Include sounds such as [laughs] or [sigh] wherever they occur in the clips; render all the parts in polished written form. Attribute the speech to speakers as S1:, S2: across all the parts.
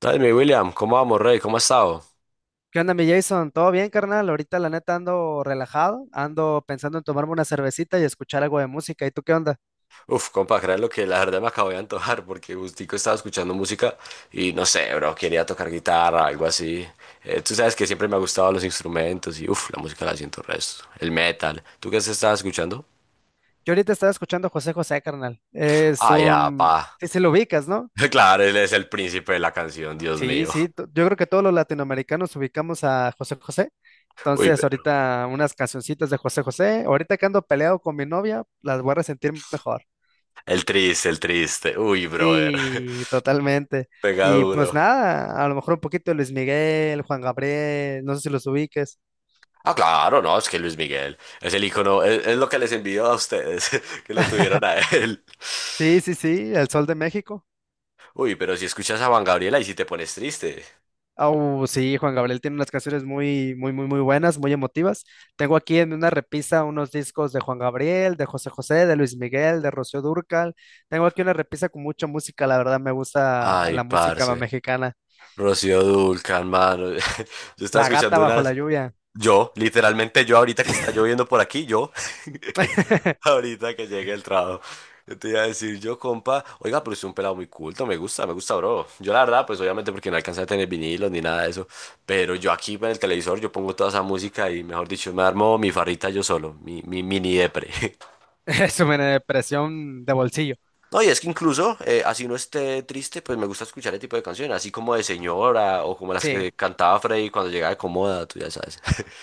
S1: Entonces, mi William, ¿cómo vamos, Rey? ¿Cómo has estado?
S2: ¿Qué onda, mi Jason? ¿Todo bien, carnal? Ahorita la neta ando relajado, ando pensando en tomarme una cervecita y escuchar algo de música. ¿Y tú qué onda?
S1: Uf, compa, crean lo que la verdad me acabo de antojar porque gustico estaba escuchando música y no sé, bro, quería tocar guitarra, algo así. Tú sabes que siempre me ha gustado los instrumentos y uf, la música la siento resto, el metal. ¿Tú qué estabas escuchando?
S2: Yo ahorita estaba escuchando a José José, carnal. Es
S1: Ah, ya,
S2: un...
S1: pa.
S2: Sí, sí lo ubicas, ¿no?
S1: [laughs] Claro, él es el príncipe de la canción, Dios
S2: Sí,
S1: mío.
S2: sí. Yo creo que todos los latinoamericanos ubicamos a José José.
S1: Uy,
S2: Entonces,
S1: pero
S2: ahorita unas cancioncitas de José José. Ahorita que ando peleado con mi novia, las voy a resentir mejor.
S1: el triste, el triste. Uy, brother. [laughs]
S2: Sí, totalmente.
S1: Pega
S2: Y pues
S1: duro.
S2: nada, a lo mejor un poquito de Luis Miguel, Juan Gabriel, no sé si los ubiques.
S1: Ah, claro, no, es que Luis Miguel es el icono, es lo que les envió a ustedes, [laughs] que lo tuvieron a
S2: [laughs]
S1: él.
S2: Sí, sí, sí, El Sol de México.
S1: Uy, pero si escuchas a Juan Gabriel, y si te pones triste.
S2: Au, sí, Juan Gabriel tiene unas canciones muy, muy, muy, muy buenas, muy emotivas. Tengo aquí en una repisa unos discos de Juan Gabriel, de José José, de Luis Miguel, de Rocío Dúrcal. Tengo aquí una repisa con mucha música, la verdad me gusta
S1: Ay,
S2: la música
S1: parce.
S2: mexicana.
S1: Rocío Dulcan, mano. [laughs] Yo estaba
S2: La gata
S1: escuchando
S2: bajo
S1: una.
S2: la lluvia.
S1: Yo, literalmente yo ahorita que está lloviendo por aquí, yo, [laughs]
S2: [laughs]
S1: ahorita que llegue el trabajo, yo te iba a decir, yo, compa, oiga, pero es un pelado muy culto, me gusta, bro. Yo la verdad, pues obviamente porque no alcancé a tener vinilos ni nada de eso, pero yo aquí en el televisor, yo pongo toda esa música y, mejor dicho, me armo mi farrita yo solo, mi mini depre. [laughs]
S2: Es una depresión de bolsillo.
S1: No, y es que incluso, así no esté triste, pues me gusta escuchar ese tipo de canciones, así como de señora o como las
S2: Sí,
S1: que cantaba Freddy cuando llegaba de Comoda, tú ya sabes.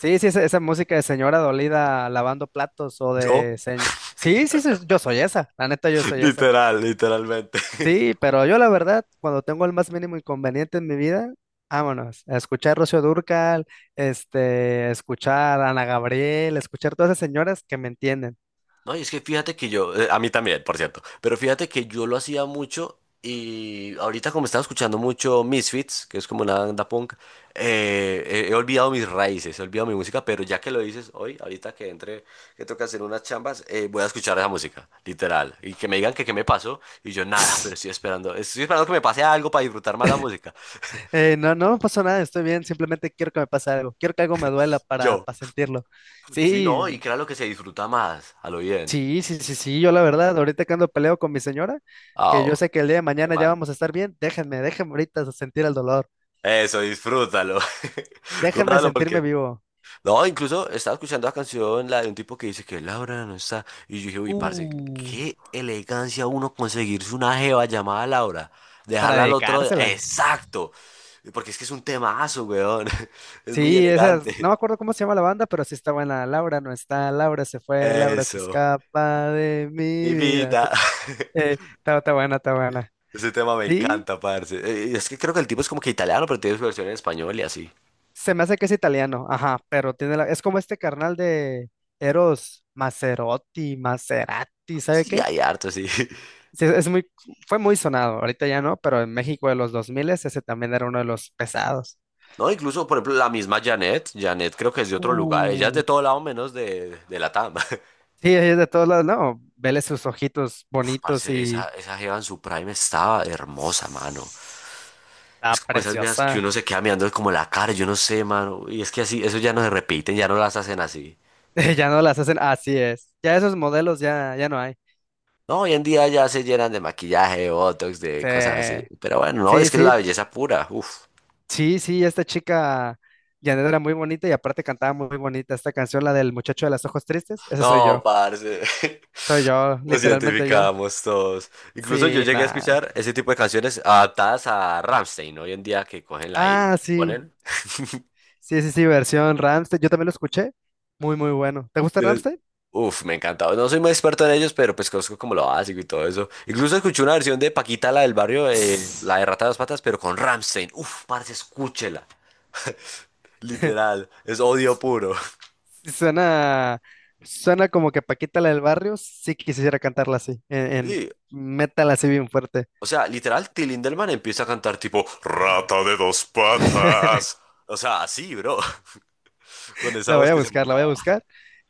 S2: sí, sí, esa música de señora dolida lavando platos o
S1: [laughs] Yo,
S2: de... Sí, sí, sí, yo soy esa, la neta yo soy esa.
S1: literal, literalmente.
S2: Sí, pero yo la verdad, cuando tengo el más mínimo inconveniente en mi vida, vámonos, a escuchar Rocío Dúrcal, este, a escuchar a Ana Gabriel, a escuchar todas esas señoras que me entienden.
S1: No, y es que fíjate que yo, a mí también, por cierto, pero fíjate que yo lo hacía mucho y ahorita como estaba escuchando mucho Misfits, que es como una banda punk, he olvidado mis raíces, he olvidado mi música, pero ya que lo dices hoy, ahorita que entre, que toca hacer unas chambas, voy a escuchar esa música, literal, y que me digan que qué me pasó, y yo nada, pero estoy
S2: [laughs]
S1: esperando, estoy esperando que me pase algo para disfrutar más la música.
S2: No, no me pasó nada, estoy bien, simplemente quiero que me pase algo, quiero que algo me duela
S1: Yo,
S2: para sentirlo.
S1: sí,
S2: Sí,
S1: no, y claro que se disfruta más, a lo bien.
S2: sí, sí, sí, sí, yo la verdad, ahorita que ando peleo con mi señora,
S1: Ah,
S2: que yo
S1: oh,
S2: sé que el día de
S1: qué
S2: mañana ya
S1: mal.
S2: vamos a estar bien, déjenme, déjenme ahorita sentir el dolor,
S1: Eso, disfrútalo. [laughs]
S2: déjenme
S1: Gózalo
S2: sentirme
S1: porque...
S2: vivo.
S1: No, incluso estaba escuchando la canción, la de un tipo que dice que Laura no está. Y yo dije, uy, parce,
S2: Uh,
S1: qué elegancia uno conseguirse una jeva llamada Laura.
S2: para
S1: Dejarla al otro día.
S2: dedicársela.
S1: Exacto. Porque es que es un temazo, weón. [laughs] Es muy
S2: Sí, esas, no
S1: elegante.
S2: me acuerdo cómo se llama la banda, pero sí está buena. Laura no está, Laura se fue, Laura se
S1: Eso.
S2: escapa de
S1: Mi
S2: mi vida.
S1: vida. [laughs]
S2: Está, está buena, está buena.
S1: Ese tema me
S2: Sí,
S1: encanta, parce. Es que creo que el tipo es como que italiano, pero tiene su versión en español y así.
S2: se me hace que es italiano, ajá, pero tiene es como este carnal de Eros Maserotti, Maserati, ¿sabe
S1: Sí,
S2: qué?
S1: hay harto, sí. [laughs]
S2: Sí, es muy, fue muy sonado, ahorita ya no, pero en México de los 2000 ese también era uno de los pesados.
S1: No, incluso, por ejemplo, la misma Janet. Janet creo que es de otro lugar. Ella es
S2: Uh,
S1: de todo lado menos de Latam. [laughs]
S2: Sí, es de todos lados, no, vele sus ojitos
S1: Uf,
S2: bonitos
S1: parce, esa,
S2: y...
S1: esa jeva en su prime estaba hermosa, mano.
S2: Está
S1: Es como esas viejas que
S2: preciosa.
S1: uno se queda mirando como la cara, yo no sé, mano. Y es que así, eso ya no se repiten, ya no las hacen así.
S2: [laughs] Ya no las hacen, así es. Ya esos modelos ya, ya no hay.
S1: No, hoy en día ya se llenan de maquillaje, de botox, de cosas así.
S2: Se-
S1: Pero bueno, no,
S2: Sí,
S1: es que es
S2: sí,
S1: la belleza pura, uf.
S2: sí, sí, esta chica Janet era muy bonita y aparte cantaba muy bonita esta canción, la del muchacho de los ojos tristes. Ese
S1: No, parce. [laughs]
S2: soy yo,
S1: Nos
S2: literalmente yo.
S1: identificamos todos. Incluso yo
S2: Sí,
S1: llegué a
S2: nada.
S1: escuchar ese tipo de canciones adaptadas a Rammstein, ¿no? Hoy en día que cogen la I,
S2: Ah, sí.
S1: ponen. [laughs]
S2: Sí, sí, sí, versión Rammstein. Yo también lo escuché. Muy, muy bueno. ¿Te gusta
S1: Tienes-
S2: Rammstein?
S1: Uf, me encantaba. No soy muy experto en ellos, pero pues conozco como lo básico y todo eso. Incluso escuché una versión de Paquita, la del barrio, la
S2: Tss.
S1: de Rata de dos Patas, pero con Rammstein. Uf, parce, escúchela.
S2: [laughs]
S1: Literal, es odio puro. [laughs]
S2: Sí, suena, suena como que Paquita la del barrio. Sí quisiera cantarla así, en
S1: Sí,
S2: metal así bien fuerte.
S1: o sea, literal, Till Lindemann empieza a cantar tipo Rata de dos patas.
S2: [laughs]
S1: O sea, así, bro, [laughs] con esa
S2: La voy
S1: voz
S2: a
S1: que se
S2: buscar, la voy a
S1: mandaba.
S2: buscar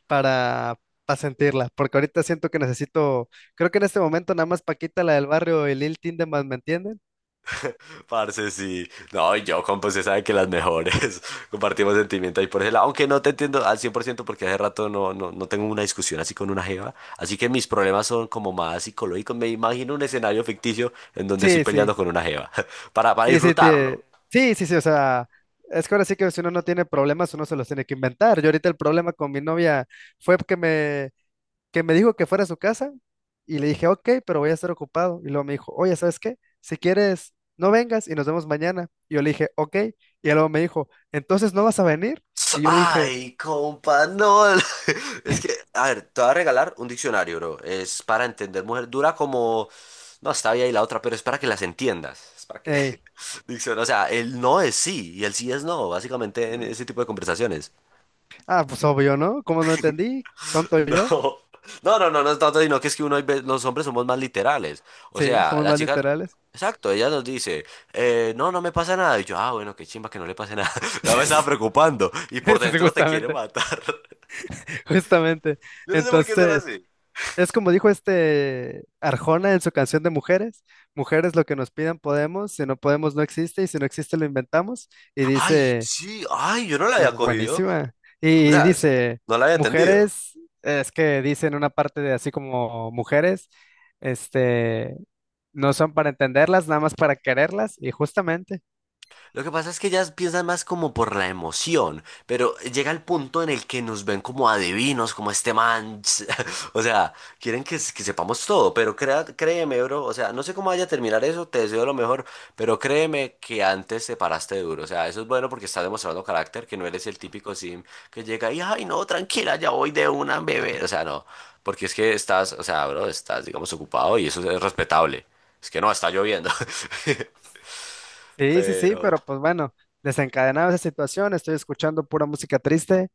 S2: para, para sentirla, porque ahorita siento que necesito, creo que en este momento nada más Paquita la del barrio y Lil Tindemann, ¿me entienden?
S1: [laughs] Parce, sí. No, y yo, compa, usted sabe que las mejores. [laughs] Compartimos sentimiento ahí por ese lado. Aunque no te entiendo al 100% porque hace rato no tengo una discusión así con una jeva. Así que mis problemas son como más psicológicos. Me imagino un escenario ficticio en donde estoy
S2: Sí, sí.
S1: peleando con una jeva. [laughs] Para
S2: Sí, sí,
S1: disfrutarlo.
S2: te... sí, sí, sí, o sea, es que ahora sí que si uno no tiene problemas, uno se los tiene que inventar. Yo ahorita el problema con mi novia fue que me dijo que fuera a su casa y le dije, ok, pero voy a estar ocupado. Y luego me dijo, oye, ¿sabes qué? Si quieres, no vengas y nos vemos mañana. Y yo le dije, ok. Y luego me dijo, entonces no vas a venir. Y yo dije,
S1: Ay, compa, no. [laughs] Es que, a ver, te voy a regalar un diccionario, bro. Es para entender mujer. Dura como. No, está bien ahí la otra, pero es para que las entiendas. Es para que.
S2: hey,
S1: [laughs] Diccionario. O sea, el no es sí y el sí es no, básicamente en
S2: mm,
S1: ese tipo de conversaciones.
S2: pues obvio, ¿no? ¿Cómo no entendí?
S1: [laughs]
S2: Tonto yo.
S1: No. No, no, no, no es tanto, sino que es que uno, hay los hombres somos más literales. O
S2: Sí,
S1: sea,
S2: somos
S1: la
S2: más
S1: chica.
S2: literales.
S1: Exacto, ella nos dice, no me pasa nada. Y yo, ah, bueno, qué chimba que no le pase nada. [laughs] No me estaba
S2: [laughs]
S1: preocupando. Y
S2: Sí,
S1: por
S2: sí,
S1: dentro te quiere
S2: justamente,
S1: matar.
S2: justamente.
S1: [laughs] Yo no sé por qué son
S2: Entonces...
S1: así.
S2: Es como dijo este Arjona en su canción de Mujeres, mujeres lo que nos pidan podemos, si no podemos no existe y si no existe lo inventamos. Y
S1: Ay,
S2: dice,
S1: sí, ay, yo no la había cogido.
S2: buenísima.
S1: O
S2: Y
S1: sea,
S2: dice,
S1: no la había entendido.
S2: mujeres, es que dice en una parte de así como mujeres, este, no son para entenderlas, nada más para quererlas. Y justamente.
S1: Lo que pasa es que ellas piensan más como por la emoción, pero llega el punto en el que nos ven como adivinos, como este man. [laughs] O sea, quieren que sepamos todo, pero créeme, bro. O sea, no sé cómo vaya a terminar eso, te deseo lo mejor, pero créeme que antes te paraste duro. O sea, eso es bueno porque estás demostrando carácter, que no eres el típico sim que llega y, ay, no, tranquila, ya voy de una bebé. O sea, no, porque es que estás, o sea, bro, estás, digamos, ocupado y eso es respetable. Es que no, está lloviendo. [laughs]
S2: Sí, sí, sí,
S1: Pero.
S2: pero pues bueno, desencadenada esa situación, estoy escuchando pura música triste,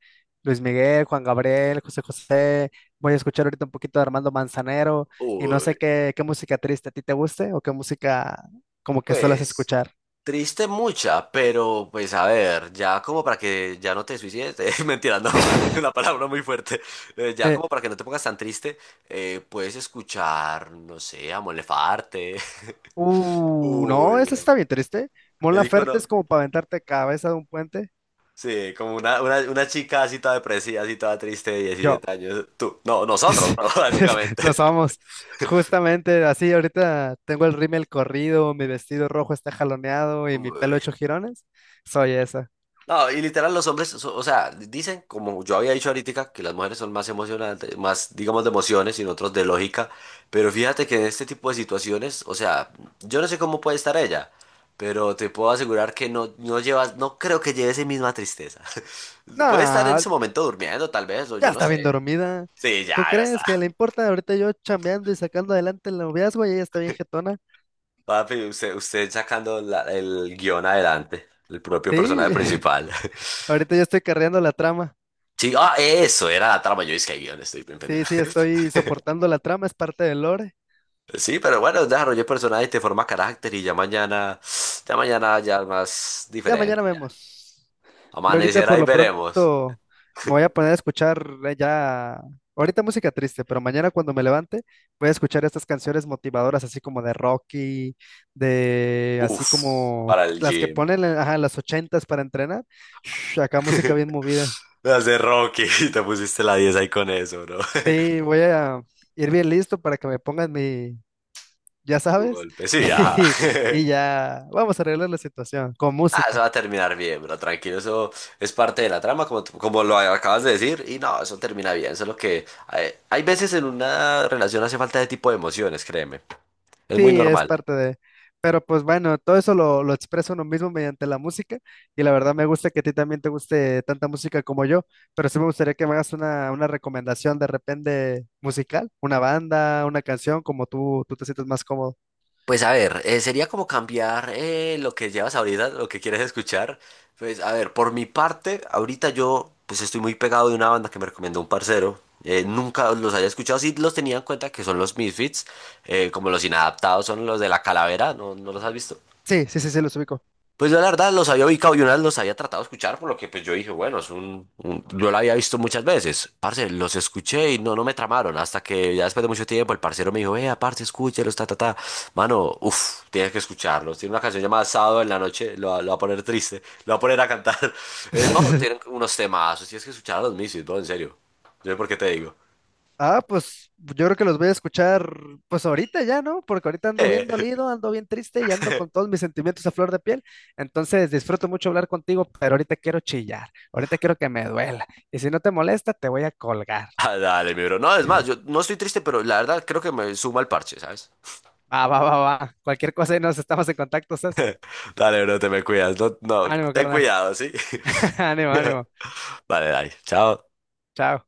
S2: Luis Miguel, Juan Gabriel, José José, voy a escuchar ahorita un poquito de Armando Manzanero y no sé
S1: Uy,
S2: qué, qué música triste a ti te guste o qué música como que suelas
S1: pues
S2: escuchar.
S1: triste mucha, pero pues a ver, ya como para que ya no te suicides, [laughs] mentira, no, es una palabra muy fuerte. Ya
S2: Eh,
S1: como para que no te pongas tan triste, puedes escuchar, no sé, a Mon Laferte. [laughs]
S2: no,
S1: Uy,
S2: esa
S1: bro,
S2: está bien triste. Mon
S1: el
S2: Laferte
S1: icono,
S2: es como para aventarte cabeza de un puente.
S1: sí, como una chica así toda depresiva, así toda triste de
S2: Yo.
S1: 17 años, tú, no, nosotros,
S2: [laughs]
S1: bro, [laughs]
S2: Nos
S1: básicamente.
S2: vamos. Justamente así, ahorita tengo el rímel corrido, mi vestido rojo está jaloneado y mi pelo
S1: Uy.
S2: hecho jirones. Soy esa.
S1: No, y literal los hombres, o sea, dicen, como yo había dicho ahorita, que las mujeres son más emocionantes, más, digamos, de emociones y nosotros de lógica, pero fíjate que en este tipo de situaciones, o sea, yo no sé cómo puede estar ella, pero te puedo asegurar que no, no llevas, no creo que lleve esa misma tristeza. [laughs] Puede estar en ese
S2: No,
S1: momento durmiendo, tal vez, o
S2: ya
S1: yo no
S2: está bien
S1: sé.
S2: dormida.
S1: Sí, ya,
S2: ¿Tú
S1: ya está.
S2: crees que le importa? Ahorita yo chambeando y sacando adelante el noviazgo y ella está bien jetona.
S1: Papi, usted sacando el guión adelante, el propio personaje
S2: Sí,
S1: principal.
S2: [laughs]
S1: [laughs]
S2: ahorita yo estoy carreando la trama.
S1: Sí, ah, eso era la trama, yo dije que guión, estoy bien pendejo.
S2: Sí, sí,
S1: [laughs]
S2: estoy soportando la trama, es parte del lore.
S1: Sí, pero bueno, desarrollé personajes, te forma carácter y ya mañana, ya mañana ya es más
S2: Ya mañana
S1: diferente ya.
S2: vemos. Yo ahorita
S1: Amanecerá
S2: por
S1: y
S2: lo
S1: veremos.
S2: pronto me voy a poner a escuchar ahorita música triste, pero mañana cuando me levante voy a escuchar estas canciones motivadoras, así como de Rocky, de así
S1: Uf,
S2: como
S1: para el
S2: las que
S1: gym.
S2: ponen en ajá, en las ochentas para entrenar. Shh, acá música bien movida.
S1: [laughs] Me hace Rocky, [laughs] te pusiste la 10 ahí con eso, bro. [laughs]
S2: Sí, voy a ir bien listo para que me pongan mi, ya
S1: Tu
S2: sabes,
S1: golpe,
S2: [laughs]
S1: sí, ajá.
S2: y, y
S1: [laughs]
S2: ya vamos a arreglar la situación con
S1: Ah, eso
S2: música.
S1: va a terminar bien, bro, tranquilo, eso es parte de la trama, como, como lo acabas de decir, y no, eso termina bien, solo que hay veces en una relación hace falta ese tipo de emociones, créeme, es
S2: Sí,
S1: muy
S2: es
S1: normal.
S2: parte de... Pero pues bueno, todo eso lo expresa uno mismo mediante la música y la verdad me gusta que a ti también te guste tanta música como yo, pero sí me gustaría que me hagas una recomendación de repente musical, una banda, una canción, como tú te sientes más cómodo.
S1: Pues a ver, sería como cambiar lo que llevas ahorita, lo que quieres escuchar. Pues a ver, por mi parte, ahorita yo pues estoy muy pegado de una banda que me recomendó un parcero. Nunca los había escuchado, sí los tenía en cuenta que son los Misfits, como los inadaptados son los de la calavera, ¿no, no los has visto?
S2: Sí, sí, sí, sí, los ubico.
S1: Pues yo la verdad los había ubicado y una vez los había tratado de escuchar, por lo que pues yo dije, bueno, es yo lo había visto muchas veces. Parce, los escuché y no me tramaron, hasta que ya después de mucho tiempo el parcero me dijo, vea, parce, escúchelos, ta, ta, ta. Mano, uff, tienes que escucharlos. Tiene una canción llamada Sábado en la noche, lo va a poner triste, lo va a poner a cantar. [laughs] No, tienen
S2: [laughs]
S1: unos temazos, tienes que escuchar a los Misis, bro, en serio. Yo sé por qué te digo.
S2: Ah, pues yo creo que los voy a escuchar pues ahorita ya, ¿no? Porque ahorita ando
S1: Eh.
S2: bien dolido, ando bien triste y ando con todos
S1: [laughs]
S2: mis sentimientos a flor de piel. Entonces disfruto mucho hablar contigo, pero ahorita quiero chillar, ahorita quiero que me duela. Y si no te molesta, te voy a colgar.
S1: Ah, dale, mi bro. No, es más, yo no estoy triste, pero la verdad creo que me suma el parche, ¿sabes?
S2: Va, va, va, va. Cualquier cosa y nos estamos en contacto, ¿sabes?
S1: Dale, bro, te me cuidas. No, no,
S2: Ánimo,
S1: ten
S2: carnal.
S1: cuidado, ¿sí?
S2: [laughs] Ánimo, ánimo.
S1: [laughs] Vale, dale. Chao.
S2: Chao.